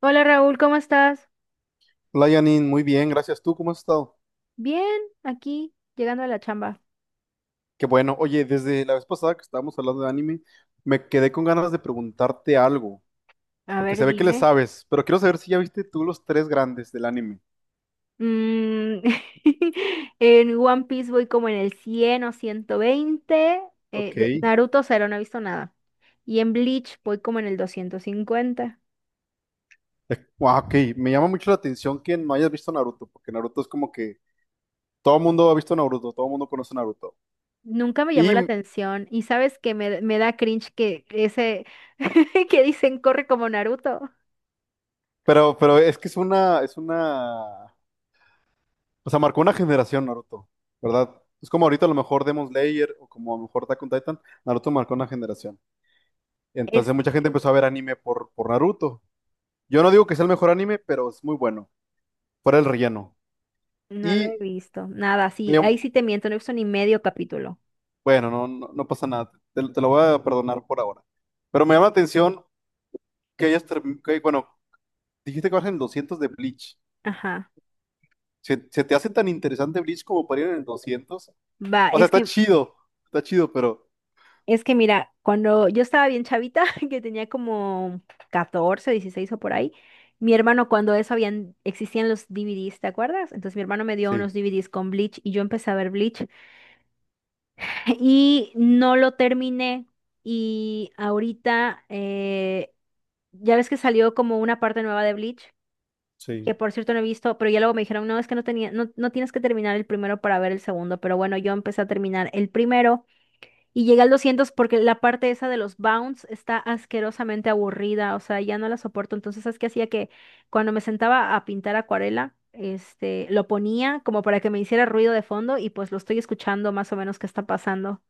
Hola Raúl, ¿cómo estás? Hola Janine, muy bien, gracias. ¿Tú cómo has estado? Bien, aquí, llegando a la chamba. Qué bueno. Oye, desde la vez pasada que estábamos hablando de anime, me quedé con ganas de preguntarte algo, A porque ver, se ve que le dime. sabes, pero quiero saber si ya viste tú los tres grandes del anime. Mm, en One Piece voy como en el 100 o 120. Ok. Eh, Naruto cero, no he visto nada. Y en Bleach voy como en el 250. guau, Ok, me llama mucho la atención que no hayas visto Naruto, porque Naruto es como que todo el mundo ha visto Naruto, todo el mundo conoce Naruto. Nunca me llamó la Y, atención. Y sabes que me da cringe que ese que dicen corre como Naruto. pero es que es una, o sea, marcó una generación Naruto, ¿verdad? Es como ahorita a lo mejor Demon Slayer o como a lo mejor Attack on Titan, Naruto marcó una generación. Entonces Es, mucha gente empezó a ver anime por Naruto. Yo no digo que sea el mejor anime, pero es muy bueno. Fuera el relleno. no lo he Y visto. Nada, sí, me- ahí sí te miento, no he visto ni medio capítulo. bueno, no, no, no pasa nada. Te lo voy a perdonar por ahora. Pero me llama la atención que, bueno, dijiste que vas en el 200 de Bleach. Ajá. ¿Se te hace tan interesante Bleach como para ir en el 200? Va, O sea, es está que chido. Está chido, pero Es que mira, cuando yo estaba bien chavita, que tenía como 14, 16 o por ahí, mi hermano cuando eso habían, existían los DVDs, ¿te acuerdas? Entonces mi hermano me dio sí, unos DVDs con Bleach y yo empecé a ver Bleach y no lo terminé y ahorita ya ves que salió como una parte nueva de Bleach, que sí. por cierto no he visto, pero ya luego me dijeron, no, es que no tenía, no, no tienes que terminar el primero para ver el segundo, pero bueno, yo empecé a terminar el primero y llegué al 200 porque la parte esa de los bounce está asquerosamente aburrida, o sea, ya no la soporto. Entonces, ¿sabes qué hacía? Que cuando me sentaba a pintar acuarela, lo ponía como para que me hiciera ruido de fondo y pues lo estoy escuchando más o menos qué está pasando.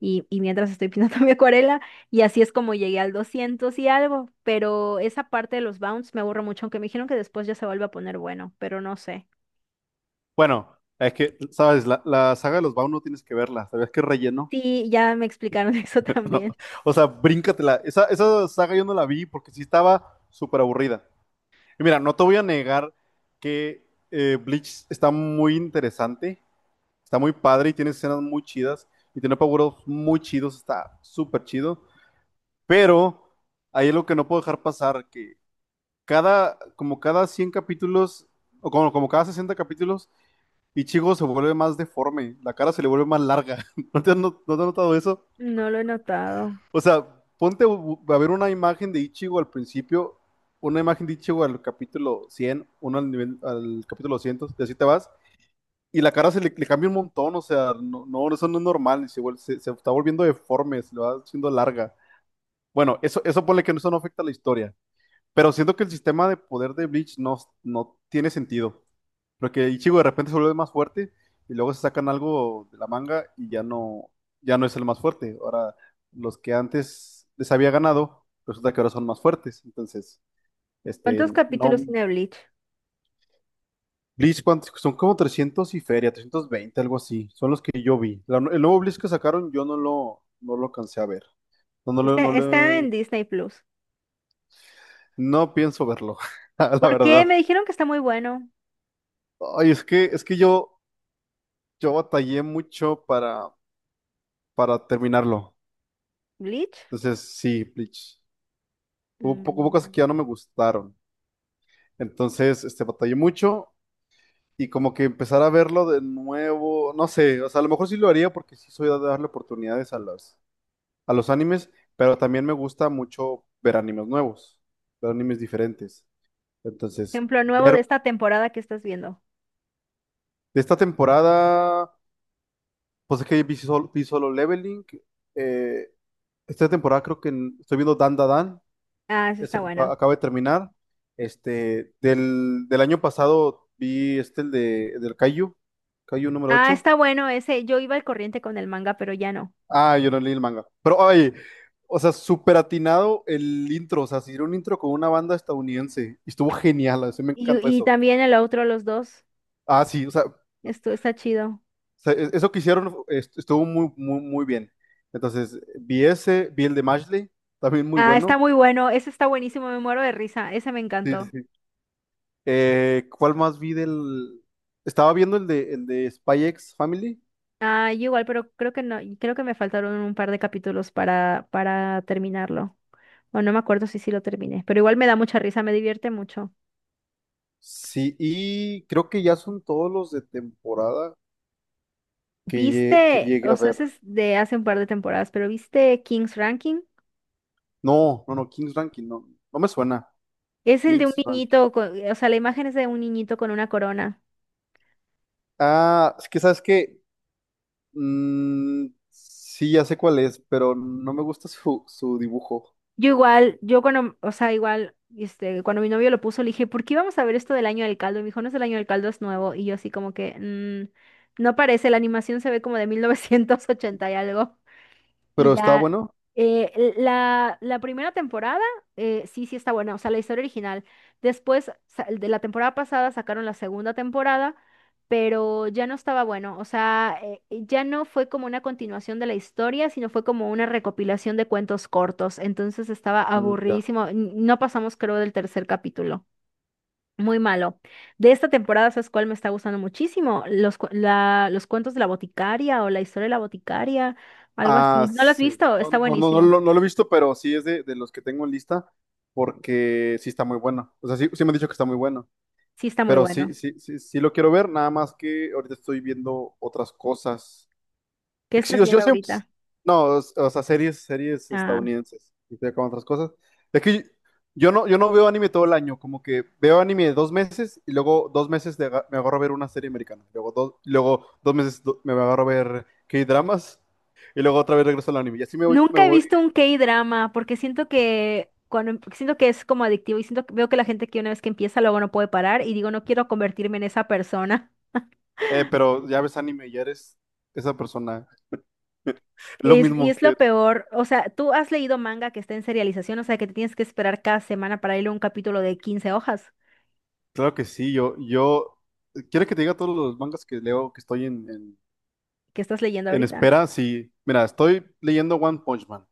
Y mientras estoy pintando mi acuarela, y así es como llegué al 200 y algo. Pero esa parte de los bounce me aburre mucho, aunque me dijeron que después ya se vuelve a poner bueno, pero no sé. Bueno, es que, sabes, la saga de los Bound no tienes que verla. ¿Sabías que es relleno? Sí, ya me explicaron eso No, también. o sea, bríncatela. Esa saga yo no la vi porque sí estaba súper aburrida. Y mira, no te voy a negar que Bleach está muy interesante, está muy padre y tiene escenas muy chidas y tiene paguros muy chidos, está súper chido. Pero ahí es lo que no puedo dejar pasar, que como cada 100 capítulos, o como cada 60 capítulos, Ichigo se vuelve más deforme, la cara se le vuelve más larga. ¿No te has notado eso? No lo he notado. O sea, ponte a ver una imagen de Ichigo al principio, una imagen de Ichigo al capítulo 100, uno al, nivel, al capítulo 200, y así te vas. Y la cara se le cambia un montón, o sea, no, no, eso no es normal, se está volviendo deforme, se le va haciendo larga. Bueno, eso ponle que eso no afecta a la historia, pero siento que el sistema de poder de Bleach no tiene sentido. Porque Ichigo de repente se vuelve más fuerte y luego se sacan algo de la manga y ya no, ya no es el más fuerte. Ahora, los que antes les había ganado, resulta que ahora son más fuertes. Entonces, este, ¿Cuántos no. capítulos tiene Bleach? Bleach, ¿cuántos? Son como 300 y feria, 320, algo así. Son los que yo vi. El nuevo Bleach que sacaron, yo no lo alcancé a ver. No, no, Está, está en Disney Plus. no pienso verlo, la ¿Por qué? verdad. Me dijeron que está muy bueno. Ay, es que yo batallé mucho para terminarlo. Bleach. Entonces, sí, Bleach. Hubo cosas Mm, que ya no me gustaron. Entonces, este, batallé mucho y como que empezar a verlo de nuevo, no sé, o sea, a lo mejor sí lo haría porque sí soy de darle oportunidades a los animes, pero también me gusta mucho ver animes nuevos, ver animes diferentes. Entonces, Ejemplo nuevo de ver esta temporada que estás viendo. de esta temporada, pues es que vi Solo Leveling, eh, esta temporada creo que estoy viendo Dan Da Dan. Ah, sí está Esa que bueno. acaba de terminar. Este, del año pasado vi este, del Kaiju número Ah, ocho. está bueno ese. Yo iba al corriente con el manga, pero ya no. Ah, yo no leí el manga. Pero, ay, o sea, súper atinado el intro, o sea, se hicieron un intro con una banda estadounidense. Y estuvo genial, así me Y, encantó y eso. también el otro, los dos. Ah, sí, o sea, Esto está chido. Eso que hicieron estuvo muy, muy, muy bien. Entonces, vi el de Mashley, también muy Ah, está bueno. muy bueno. Ese está buenísimo. Me muero de risa. Ese me Sí, sí. encantó. Sí. ¿Cuál más vi del...? Estaba viendo el de Spy X Family. Ah, yo igual, pero creo que no. Y creo que me faltaron un par de capítulos para terminarlo. O no me acuerdo si sí lo terminé. Pero igual me da mucha risa. Me divierte mucho. Sí, y creo que ya son todos los de temporada que ¿Viste? llegue O a sea, ver. ese es de hace un par de temporadas, pero ¿viste King's Ranking? No, no, no, King's Ranking, no me suena. Es el de un King's Ranking. niñito, o sea, la imagen es de un niñito con una corona. Ah, es que sabes que sí, ya sé cuál es, pero no me gusta su, su dibujo. Yo igual, o sea, igual, cuando mi novio lo puso, le dije, ¿por qué vamos a ver esto del año del caldo? Y me dijo, no es el año del caldo, es nuevo. Y yo así como que, no parece, la animación se ve como de 1980 y algo. Y Pero está ya, bueno. la primera temporada, sí, sí está buena, o sea, la historia original. Después, de la temporada pasada sacaron la segunda temporada, pero ya no estaba bueno, o sea, ya no fue como una continuación de la historia, sino fue como una recopilación de cuentos cortos, entonces estaba Mm, ya. aburridísimo, no pasamos creo del tercer capítulo. Muy malo. De esta temporada, ¿sabes cuál me está gustando muchísimo? Los cuentos de la boticaria o la historia de la boticaria, algo Ah, así. ¿No lo has sí. visto? No, Está no, no, no, buenísimo. lo no lo he visto, pero sí es de los que tengo en lista porque sí está muy bueno. O sea, sí, sí me han dicho que está muy bueno. Sí, está muy Pero sí, bueno. sí, sí, sí lo quiero ver, nada más que ahorita estoy viendo otras cosas. ¿Qué Sí, estás yo viendo siempre, ahorita? no, o sea, series Ah, estadounidenses, y estoy con otras cosas. Es que yo no veo anime todo el año, como que veo anime dos meses y luego dos meses de me agarro a ver una serie americana, luego dos meses me agarro a ver K-dramas y luego otra vez regreso al anime. Y así me nunca he voy, visto un K-drama porque siento que cuando, siento que es como adictivo y siento que veo que la gente que una vez que empieza luego no puede parar y digo, no quiero convertirme en esa persona. Pero ya ves anime, ya eres esa persona. Lo Y mismo, es lo peor, o sea, tú has leído manga que está en serialización, o sea, que te tienes que esperar cada semana para leer un capítulo de 15 hojas. Claro que sí. ¿Quieres que te diga todos los mangas que leo que estoy ¿Qué estás leyendo en, ahorita? espera? Sí, mira, estoy leyendo One Punch Man.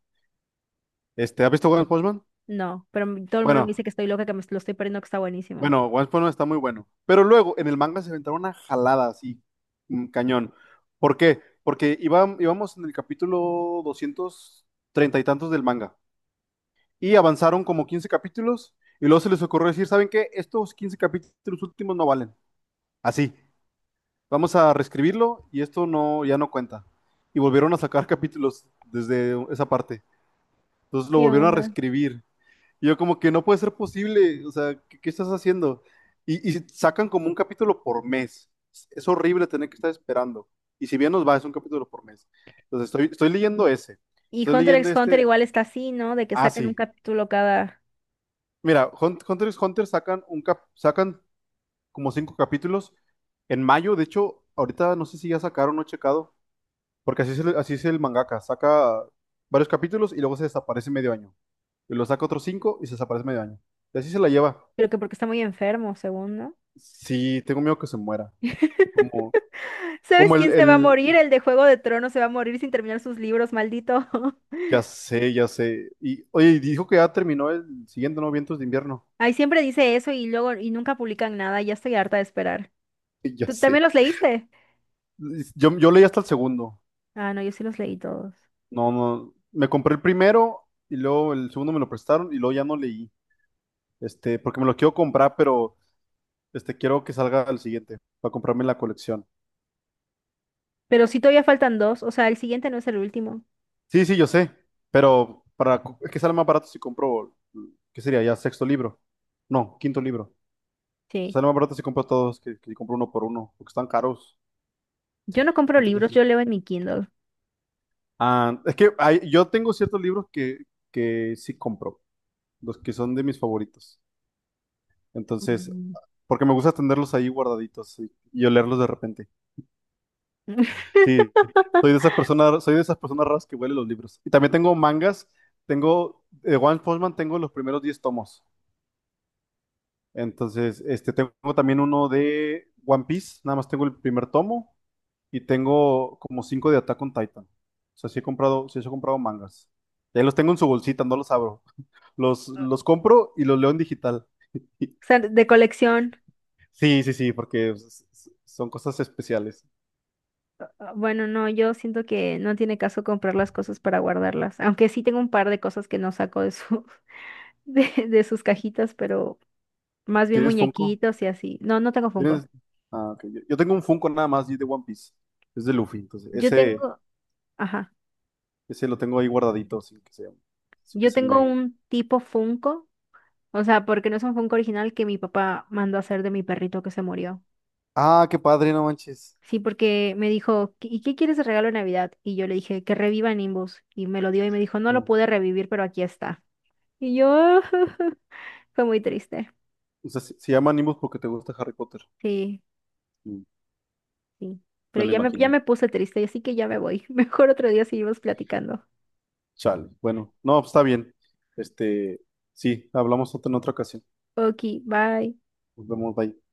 Este, ¿has visto One Punch Man? No, pero todo el mundo me dice Bueno, que estoy loca, que me lo estoy perdiendo, que está buenísimo. bueno, One Punch Man está muy bueno. Pero luego en el manga se inventaron una jalada así, cañón. ¿Por qué? Porque íbamos en el capítulo 230 y tantos del manga. Y avanzaron como 15 capítulos y luego se les ocurrió decir, ¿saben qué? Estos 15 capítulos últimos no valen. Así. Vamos a reescribirlo y esto no, ya no cuenta. Y volvieron a sacar capítulos desde esa parte. Entonces lo ¿Qué volvieron a onda? reescribir. Y yo como que no puede ser posible. O sea, ¿qué estás haciendo? Y sacan como un capítulo por mes. Es horrible tener que estar esperando. Y si bien nos va, es un capítulo por mes. Entonces estoy leyendo ese. Y Estoy Hunter leyendo x Hunter este. igual está así, ¿no? De que Ah, sacan un sí. capítulo cada... Mira, Hunter x Hunter sacan como cinco capítulos en mayo. De hecho, ahorita no sé si ya sacaron, no he checado. Porque así es el mangaka, saca varios capítulos y luego se desaparece medio año. Y lo saca otros cinco y se desaparece medio año. Y así se la lleva. Creo que porque está muy enfermo, según, ¿no? Sí, tengo miedo que se muera. Como, ¿Sabes como el, quién se va a el, morir? El de Juego de Tronos se va a morir sin terminar sus libros, maldito. ya sé, ya sé. Y oye, y dijo que ya terminó el siguiente, ¿no? Vientos de invierno. Ay, siempre dice eso y luego nunca publican nada, ya estoy harta de esperar. Ya ¿Tú sé. también los leíste? Yo leí hasta el segundo. Ah, no, yo sí los leí todos. No, no. Me compré el primero y luego el segundo me lo prestaron y luego ya no leí. Este, porque me lo quiero comprar, pero este, quiero que salga el siguiente para comprarme la colección. Pero sí todavía faltan dos, o sea, el siguiente no es el último. Sí, sí, yo sé, pero es que sale más barato si compro, ¿qué sería? Ya sexto libro. No, quinto libro. Sí. Sale más barato si compro todos que si compro uno por uno, porque están caros. Yo no compro Entonces libros, sí. yo leo en mi Kindle. Ah, es que yo tengo ciertos libros que sí compro, los que son de mis favoritos. Entonces, Mm. porque me gusta tenerlos ahí guardaditos y olerlos de repente. O Sí, soy de esas personas, soy de esas personas raras que huelen los libros. Y también tengo mangas, de One Punch Man tengo los primeros 10 tomos. Entonces, este, tengo también uno de One Piece, nada más tengo el primer tomo y tengo como cinco de Attack on Titan. O sea, sí he comprado mangas. Ya los tengo en su bolsita, no los abro. Los compro y los leo en digital. sea, de colección. Sí, sí, sí, porque son cosas especiales. Ah, bueno, no, yo siento que no tiene caso comprar las cosas para guardarlas. Aunque sí tengo un par de cosas que no saco de sus cajitas, pero más bien ¿Tienes Funko? muñequitos y así. No, no tengo Funko. ¿Tienes? Ah, ok. Yo tengo un Funko nada más y de One Piece. Es de Luffy, entonces Yo ese, tengo, ajá, ese lo tengo ahí guardadito, sin que se, sin que yo se tengo me... un tipo Funko, o sea, porque no es un Funko original que mi papá mandó a hacer de mi perrito que se murió. Ah, qué padre, no manches. Sí, porque me dijo, "¿Y qué quieres de regalo de Navidad? Y yo le dije, que reviva Nimbus. Y me lo dio y me dijo, no lo No. pude revivir, pero aquí está. Y yo, fue muy triste. O sea, se llama Nimbus porque te gusta Harry Potter. Sí, Mm, sí. Pero Me lo ya me, ya imaginé. me puse triste, así que ya me voy. Mejor otro día seguimos platicando. Chale. Bueno, no, pues, está bien. Este, sí, hablamos en otra ocasión. Ok, bye. Nos vemos, bye.